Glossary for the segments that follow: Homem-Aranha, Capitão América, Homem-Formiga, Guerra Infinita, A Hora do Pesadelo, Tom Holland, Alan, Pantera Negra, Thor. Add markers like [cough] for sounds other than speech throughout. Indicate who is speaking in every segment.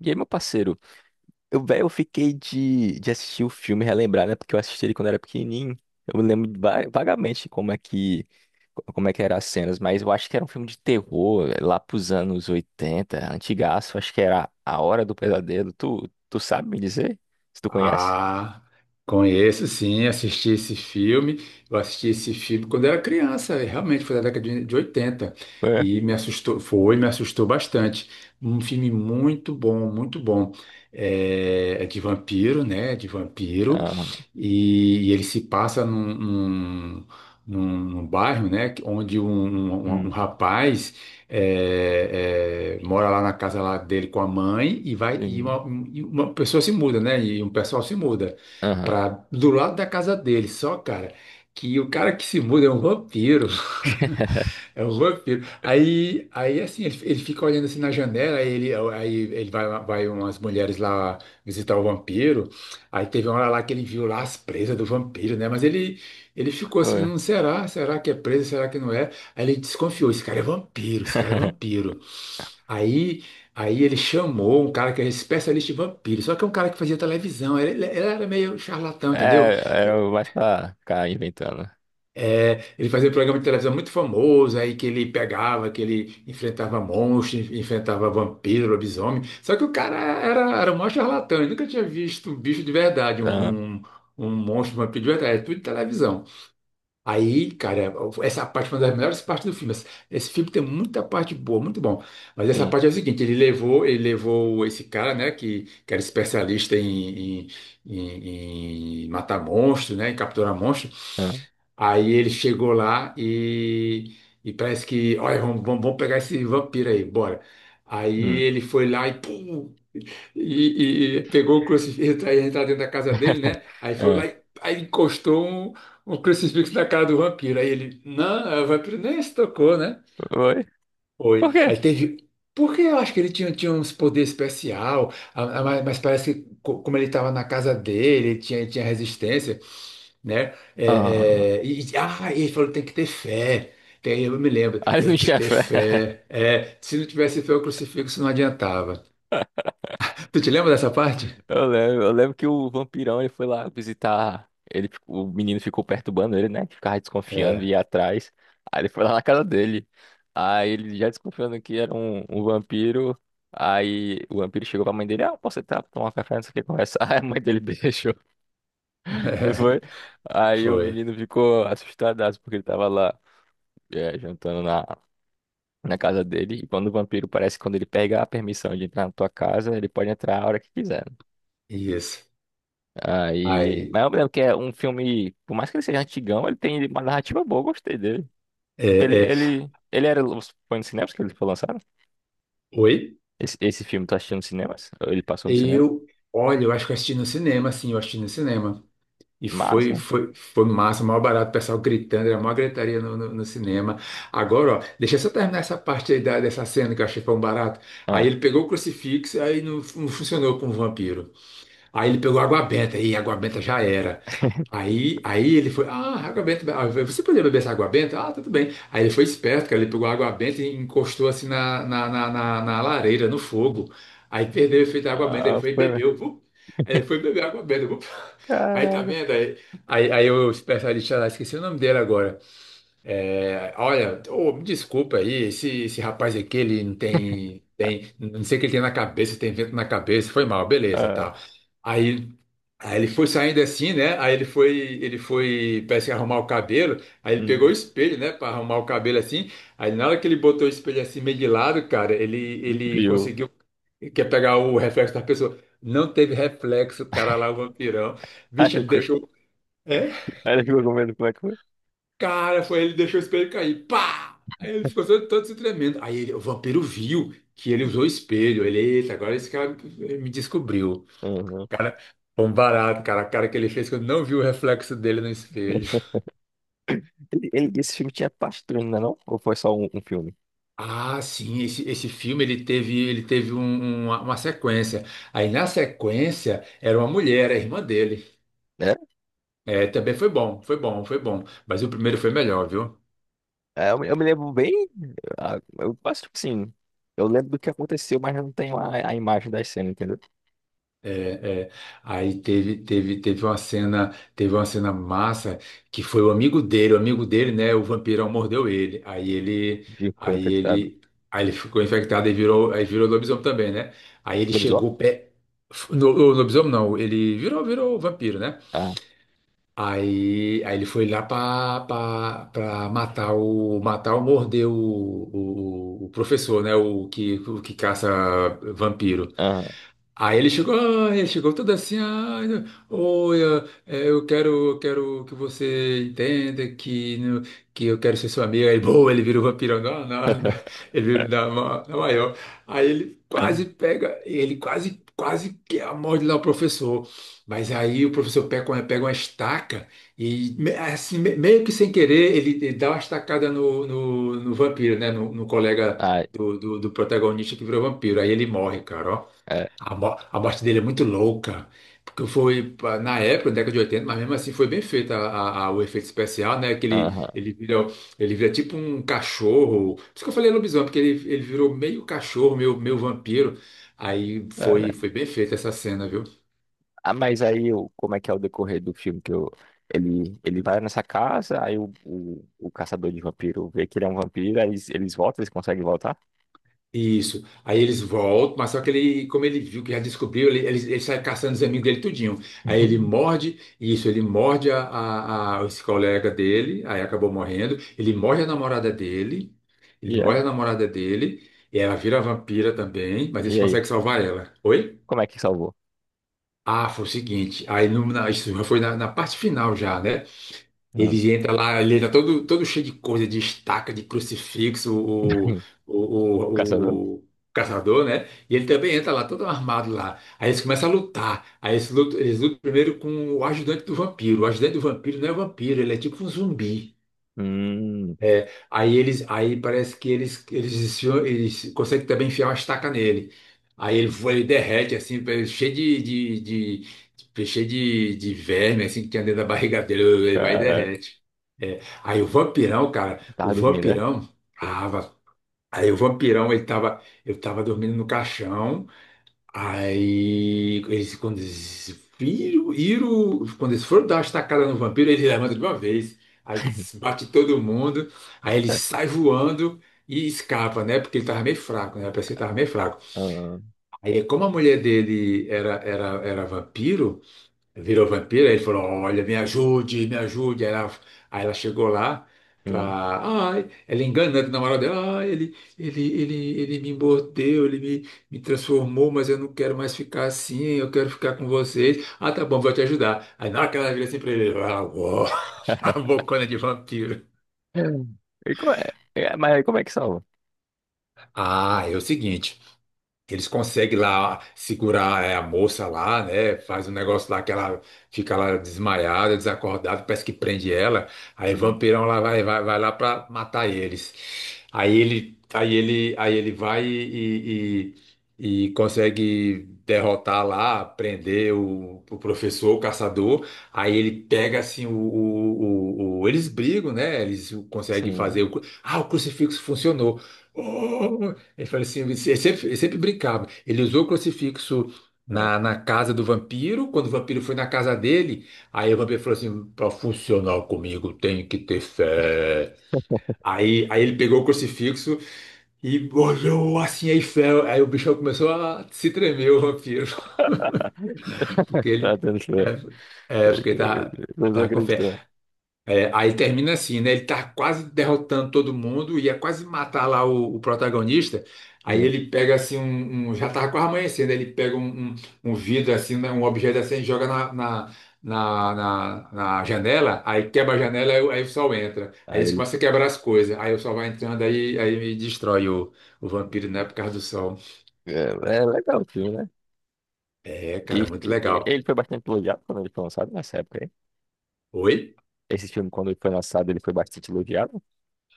Speaker 1: E aí, meu parceiro, eu, velho, eu fiquei de assistir o filme e relembrar, né? Porque eu assisti ele quando era pequenininho. Eu me lembro vagamente como é que eram as cenas, mas eu acho que era um filme de terror, lá pros anos 80, antigaço. Acho que era A Hora do Pesadelo. Tu sabe me dizer? Se tu conhece?
Speaker 2: Ah, conheço sim, assisti esse filme. Eu assisti esse filme quando era criança, realmente foi da década de 80.
Speaker 1: É.
Speaker 2: E me assustou, foi, me assustou bastante. Um filme muito bom, muito bom. É de vampiro, né? De vampiro.
Speaker 1: Ah,
Speaker 2: E ele se passa num bairro, né? Onde um
Speaker 1: hum,
Speaker 2: rapaz mora lá na casa lá dele com a mãe e vai e
Speaker 1: sim.
Speaker 2: e uma pessoa se muda, né? E um pessoal se muda
Speaker 1: Aham.
Speaker 2: para do lado da casa dele. Só, cara, que o cara que se muda é um vampiro. [laughs]
Speaker 1: [laughs]
Speaker 2: É um vampiro. Aí assim, ele fica olhando assim na janela, aí ele vai umas mulheres lá visitar o vampiro. Aí teve uma hora lá que ele viu lá as presas do vampiro, né? Mas ele ficou assim,
Speaker 1: Foi.
Speaker 2: não será? Será que é presa? Será que não é? Aí ele desconfiou, esse cara é vampiro, esse cara é
Speaker 1: [laughs]
Speaker 2: vampiro. Aí, aí ele chamou um cara que era especialista em vampiro, só que é um cara que fazia televisão, ele era meio charlatão,
Speaker 1: É,
Speaker 2: entendeu?
Speaker 1: era mais pra ficar inventando.
Speaker 2: Ele fazia um programa de televisão muito famoso, aí que ele pegava, que ele enfrentava monstros, enfrentava vampiro, lobisomem, só que o cara era um maior charlatão, ele nunca tinha visto um bicho de verdade,
Speaker 1: Aham,
Speaker 2: um monstro, um vampiro de verdade, é tudo de televisão. Aí, cara, essa parte foi uma das melhores partes do filme. Esse filme tem muita parte boa, muito bom. Mas essa
Speaker 1: sim.
Speaker 2: parte é o seguinte, ele levou esse cara, né, que era especialista em matar monstros né, em capturar monstros.
Speaker 1: Aham,
Speaker 2: Aí ele chegou lá e parece que, olha, vamos pegar esse vampiro aí, bora. Aí
Speaker 1: hum.
Speaker 2: ele foi lá e pum, e pegou o crucifixo aí entrar dentro da casa dele,
Speaker 1: [laughs]
Speaker 2: né? Aí foi
Speaker 1: Aham.
Speaker 2: lá e aí encostou um crucifixo na cara do vampiro. Aí ele, não, é, o vampiro nem se tocou, né?
Speaker 1: Oi? Por
Speaker 2: Foi.
Speaker 1: quê?
Speaker 2: Aí teve. Porque eu acho que ele tinha uns poderes especial, mas parece que co- como ele estava na casa dele, ele tinha resistência, né?
Speaker 1: Ah,
Speaker 2: Ah, e ele falou, tem que ter fé. Eu me lembro,
Speaker 1: [laughs] aí
Speaker 2: tem
Speaker 1: no
Speaker 2: que ter
Speaker 1: chefe, é.
Speaker 2: fé. É, se não tivesse fé, o crucifixo não adiantava. Tu te lembra dessa parte?
Speaker 1: Eu lembro, eu lembro que o vampirão, ele foi lá visitar, ele ficou- o menino ficou perturbando ele, né, que ficava desconfiando e
Speaker 2: É.
Speaker 1: ia atrás, aí ele foi lá na casa dele, aí ele já desconfiando que era um vampiro, aí o vampiro chegou pra mãe dele: ah, posso entrar pra tomar café, não sei o que, conversar, [laughs] aí a mãe dele [laughs] deixou,
Speaker 2: [laughs]
Speaker 1: não foi?
Speaker 2: É,
Speaker 1: Aí o
Speaker 2: foi.
Speaker 1: menino ficou assustadaço porque ele tava lá, é, jantando na casa dele, e quando o vampiro, parece que quando ele pega a permissão de entrar na tua casa, ele pode entrar a hora que quiser.
Speaker 2: Isso.
Speaker 1: Aí,
Speaker 2: Aí,
Speaker 1: mas eu lembro que é um filme, por mais que ele seja antigão, ele tem uma narrativa boa, eu gostei dele.
Speaker 2: é,
Speaker 1: Ele,
Speaker 2: é,
Speaker 1: ele, ele era, foi nos cinemas que ele foi lançado?
Speaker 2: Oi?
Speaker 1: Esse filme tá assistindo nos cinemas? Ou ele passou no cinema?
Speaker 2: Eu, Olha, eu acho que eu assisti no cinema, sim, eu assisti no cinema. E
Speaker 1: Massa.
Speaker 2: foi massa, maior barato, o pessoal gritando, era a maior gritaria no cinema. Agora, ó, deixa eu só terminar essa parte aí da, dessa cena que eu achei pão barato. Aí
Speaker 1: Ah,
Speaker 2: ele pegou o crucifixo, aí não funcionou com o vampiro. Aí ele pegou água benta, e água benta já era. Aí ele foi, ah, água benta, ah, eu falei, você podia beber essa água benta? Ah, tudo bem. Aí ele foi esperto, cara, ele pegou a água benta e encostou assim na lareira, no fogo. Aí perdeu o efeito da água benta, ele
Speaker 1: ah
Speaker 2: foi e
Speaker 1: foi,
Speaker 2: bebeu, vup. Aí ele foi beber água benta, vup. [laughs] Aí tá
Speaker 1: caraca.
Speaker 2: vendo? Aí eu esperto ali, sei lá, esqueci o nome dele agora. É, olha, ô, me desculpa aí, esse rapaz aqui, ele não tem, tem, não sei o que ele tem na cabeça, tem vento na cabeça, foi mal, beleza,
Speaker 1: Ah,
Speaker 2: tal. Aí, aí ele foi saindo assim, né? Ele foi, parece que arrumar o cabelo, aí ele pegou o
Speaker 1: hum,
Speaker 2: espelho, né, para arrumar o cabelo assim. Aí na hora que ele botou o espelho assim meio de lado, cara,
Speaker 1: não
Speaker 2: ele
Speaker 1: viu.
Speaker 2: conseguiu, quer pegar o reflexo da pessoa. Não teve reflexo, cara lá, o vampirão.
Speaker 1: Aí
Speaker 2: Bicho, ele
Speaker 1: ficou,
Speaker 2: deixou. É,
Speaker 1: aí ele ficou com medo, como é que foi.
Speaker 2: cara, foi ele deixou o espelho cair. Pá! Aí ele ficou todo se tremendo. Aí ele- o vampiro viu que ele usou o espelho. Ele, eita, agora esse cara me descobriu.
Speaker 1: Uhum.
Speaker 2: Cara, foi um barato, cara. A cara que ele fez quando não viu o reflexo dele no espelho.
Speaker 1: Esse filme tinha parte 2, não é não? Ou foi só um filme?
Speaker 2: Ah, sim, esse filme ele teve uma sequência. Aí na sequência era uma mulher, a irmã dele.
Speaker 1: É,
Speaker 2: É, também foi bom, foi bom, foi bom. Mas o primeiro foi melhor, viu?
Speaker 1: é, eu, me lembro bem, ah, eu acho que sim, eu lembro do que aconteceu, mas eu não tenho a imagem das cenas, entendeu?
Speaker 2: É, é. Teve uma cena massa que foi o amigo dele, né? O vampirão mordeu ele.
Speaker 1: Ficou
Speaker 2: Aí
Speaker 1: infectado.
Speaker 2: ele, aí ele ficou infectado e virou, aí virou lobisomem também, né? Aí ele
Speaker 1: Lobisomem?
Speaker 2: chegou pé, no, o lobisomem não, ele virou, virou vampiro, né?
Speaker 1: Ah,
Speaker 2: Aí ele foi lá para matar o matar ou morder o professor, né? O que caça vampiro.
Speaker 1: ah,
Speaker 2: Aí ele chegou, ah, ele chegou todo assim, ah, oi, ah, eu quero que você entenda que, né, que eu quero ser seu amigo. Aí, boa, ele virou vampirão, não, não, não.
Speaker 1: [laughs]
Speaker 2: [laughs] ele virou da maior. Aí ele quase, quase que morde lá o professor. Mas aí o professor pega, pega uma estaca e, meio que sem querer, ele dá uma estacada no vampiro, né, no colega
Speaker 1: ah,
Speaker 2: do protagonista que virou vampiro. Aí ele morre, cara, ó.
Speaker 1: é,
Speaker 2: A morte dele é muito louca, porque foi na época, na década de oitenta, mas mesmo assim foi bem feito o efeito especial, né? Que
Speaker 1: aham,
Speaker 2: ele vira tipo um cachorro. Por isso que eu falei lobisomem, porque ele virou meio cachorro, meio vampiro. Aí
Speaker 1: cara.
Speaker 2: foi bem feita essa cena, viu?
Speaker 1: Ah, mas aí, o- como é que é o decorrer do filme? Que eu, ele vai nessa casa, aí o caçador de vampiro vê que ele é um vampiro, aí eles voltam, eles conseguem voltar?
Speaker 2: Isso. Aí eles voltam, mas só que ele, como ele viu que já descobriu, ele sai caçando os amigos dele tudinho. Aí ele
Speaker 1: [laughs]
Speaker 2: morde, isso, ele morde esse colega dele, aí acabou morrendo. Ele
Speaker 1: E é?
Speaker 2: morde a namorada dele, e ela vira vampira também, mas eles
Speaker 1: E aí?
Speaker 2: conseguem salvar ela. Oi?
Speaker 1: Como é que salvou?
Speaker 2: Ah, foi o seguinte, aí no, na, isso já foi na parte final já, né?
Speaker 1: Ah.
Speaker 2: Ele entra lá, ele entra todo, todo cheio de coisa, de estaca, de crucifixo,
Speaker 1: [laughs] O
Speaker 2: o,
Speaker 1: caçador?
Speaker 2: o caçador, né? E ele também entra lá, todo armado lá. Aí eles começam a lutar. Eles lutam primeiro com o ajudante do vampiro. O ajudante do vampiro não é vampiro, ele é tipo um zumbi.
Speaker 1: Hum,
Speaker 2: É, aí parece que eles conseguem também enfiar uma estaca nele. Aí ele, voa, ele derrete assim, cheio de verme assim que tinha dentro da barriga dele, [laughs] ele vai e
Speaker 1: cara,
Speaker 2: derrete. É,
Speaker 1: tava dormindo, né?
Speaker 2: tava, aí o vampirão ele tava, eu tava dormindo no caixão. Aí, eles, quando eles foram dar uma estacada no vampiro, ele levanta de uma vez, aí
Speaker 1: [laughs]
Speaker 2: bate todo mundo, aí ele sai voando e escapa, né? Porque ele tava meio fraco, né? Parece que ele tava meio fraco.
Speaker 1: Ah,
Speaker 2: Aí, como a mulher dele era vampiro, virou vampiro, aí ele falou, olha, me ajude. Aí ela chegou lá
Speaker 1: hum.
Speaker 2: pra. Ai, ela engana né, que o namorado dela, ah, ele me mordeu, ele me transformou, mas eu não quero mais ficar assim, eu quero ficar com vocês. Ah, tá bom, vou te ajudar. Aí na hora que ela vira assim pra ele, ele, ah, uou, [laughs] a bocona de vampiro.
Speaker 1: E como é? É, mas como é que salva?
Speaker 2: Ah, é o seguinte. Que eles conseguem lá segurar é, a moça lá, né? Faz um negócio lá que ela fica lá desmaiada, desacordada, parece que prende ela. Aí o
Speaker 1: Hum,
Speaker 2: vampirão lá vai lá pra matar eles. Aí ele vai e, e consegue derrotar lá, prender o professor, o caçador. Aí ele pega assim o- eles brigam, né? Eles conseguem
Speaker 1: Sim.
Speaker 2: fazer ah, o crucifixo funcionou. Oh, ele falou assim, ele sempre brincava. Ele usou o crucifixo
Speaker 1: É.
Speaker 2: na casa do vampiro. Quando o vampiro foi na casa dele, aí o vampiro falou assim: para funcionar comigo, tem que ter fé. Aí ele pegou o crucifixo e olhou assim, aí fé. Aí o bichão começou a se tremer, o vampiro, [laughs] porque
Speaker 1: Tá
Speaker 2: ele,
Speaker 1: atenção.
Speaker 2: tava,
Speaker 1: Vocês vão
Speaker 2: com fé.
Speaker 1: acreditar.
Speaker 2: É, aí termina assim, né? Ele tá quase derrotando todo mundo, ia quase matar lá o protagonista. Aí
Speaker 1: É.
Speaker 2: ele pega assim Já tava quase amanhecendo, ele pega um vidro assim, né, um objeto assim, e joga na janela, aí quebra a janela, aí o sol entra. Aí
Speaker 1: Aí,
Speaker 2: eles
Speaker 1: ele-
Speaker 2: começam a quebrar as coisas. Aí o sol vai entrando, aí destrói o vampiro, né? Por causa do sol.
Speaker 1: é, é legal o filme, né?
Speaker 2: É,
Speaker 1: E,
Speaker 2: cara, muito
Speaker 1: e- e
Speaker 2: legal.
Speaker 1: ele foi bastante elogiado quando ele foi lançado nessa época aí.
Speaker 2: Oi?
Speaker 1: Esse filme, quando ele foi lançado, ele foi bastante elogiado.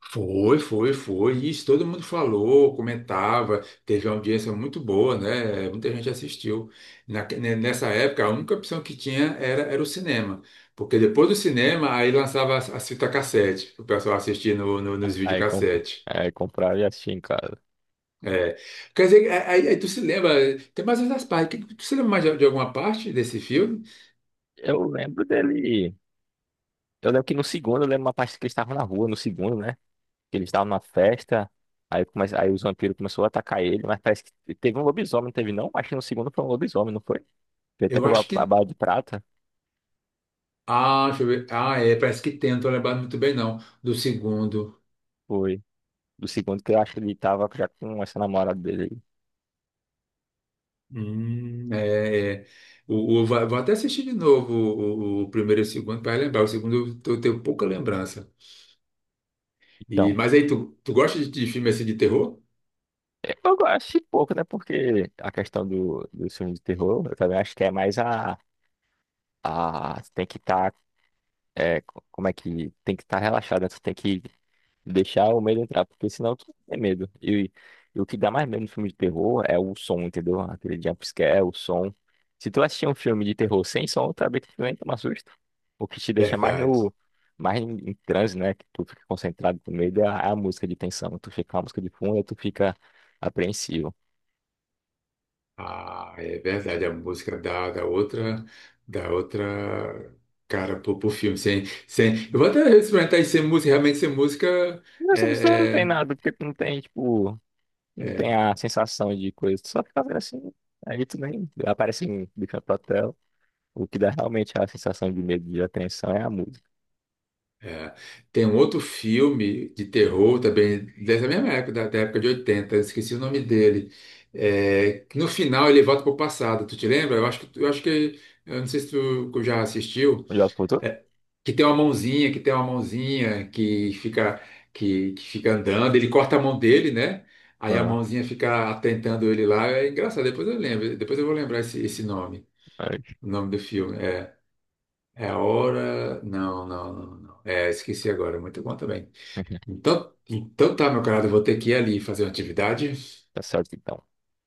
Speaker 2: Foi, foi, foi. Isso todo mundo falou, comentava, teve uma audiência muito boa, né? Muita gente assistiu. Nessa época, a única opção que tinha era o cinema. Porque depois do cinema, aí lançava a fita cassete, o pessoal assistia no, no, nos
Speaker 1: Aí, comp...
Speaker 2: videocassete.
Speaker 1: aí compraram e assisti em casa.
Speaker 2: É. Quer dizer, é, aí tu se lembra, tem mais outras partes. Tu se lembra mais de alguma parte desse filme?
Speaker 1: Eu lembro dele. Eu lembro que no segundo, eu lembro uma parte que eles estavam na rua, no segundo, né? Que eles estavam numa festa. Aí, come... aí os vampiros começaram a atacar ele, mas parece que teve um lobisomem, não teve não? Acho que no segundo foi um lobisomem, não foi? Foi até
Speaker 2: Eu
Speaker 1: pela
Speaker 2: acho
Speaker 1: a
Speaker 2: que.
Speaker 1: bala de prata.
Speaker 2: Ah, deixa eu ver. Ah, é, parece que tem, não tô lembrado muito bem, não. Do segundo.
Speaker 1: Foi. Do segundo, que eu acho que ele tava já com essa namorada dele. Aí.
Speaker 2: É, é. Vou até assistir de novo o primeiro e o segundo para lembrar. O segundo eu tenho pouca lembrança. E,
Speaker 1: Então,
Speaker 2: mas aí, tu gosta de filme assim de terror?
Speaker 1: eu gosto de pouco, né? Porque a questão do filme de terror, eu também acho que é mais a tem que estar, como é que, tem que estar relaxado, né? Tu tem que deixar o medo entrar, porque senão tu é medo. E o que dá mais medo no filme de terror é o som, entendeu? Aquele jumpscare, o som. Se tu assistir um filme de terror sem som, talvez tu nem toma susto. O que te deixa mais
Speaker 2: Verdade.
Speaker 1: no. Mais em, em transe, né? Que tu fica concentrado com medo, é a, é a música de tensão. Tu fica com a música de fundo, aí tu fica apreensivo.
Speaker 2: Ah, é verdade. A música da outra cara pro filme. Sem, sem, eu vou até experimentar isso sem música, realmente sem música.
Speaker 1: Mas o som não
Speaker 2: É,
Speaker 1: tem
Speaker 2: é.
Speaker 1: nada, porque tu não tem, tipo, não tem
Speaker 2: É.
Speaker 1: a sensação de coisa. Tu só fica fazendo assim. Aí tu nem aparece um bicho. O que dá realmente a sensação de medo e de apreensão é a música.
Speaker 2: É. Tem um outro filme de terror também, dessa mesma época, da época de oitenta, eu esqueci o nome dele. É, que no final ele volta pro passado, tu te lembra? Eu não sei se tu já assistiu,
Speaker 1: Já voltou?
Speaker 2: que tem uma mãozinha, que fica andando, ele corta a mão dele, né? Aí a
Speaker 1: Ah,
Speaker 2: mãozinha fica atentando ele lá, é engraçado, depois eu lembro, depois eu vou lembrar esse nome,
Speaker 1: aí.
Speaker 2: o nome do filme, é. É a hora. Não, não, não, não. É, esqueci agora. Muito bom também.
Speaker 1: [laughs]
Speaker 2: Então tá, meu camarada, eu vou ter que ir ali fazer uma atividade,
Speaker 1: Tá certo então.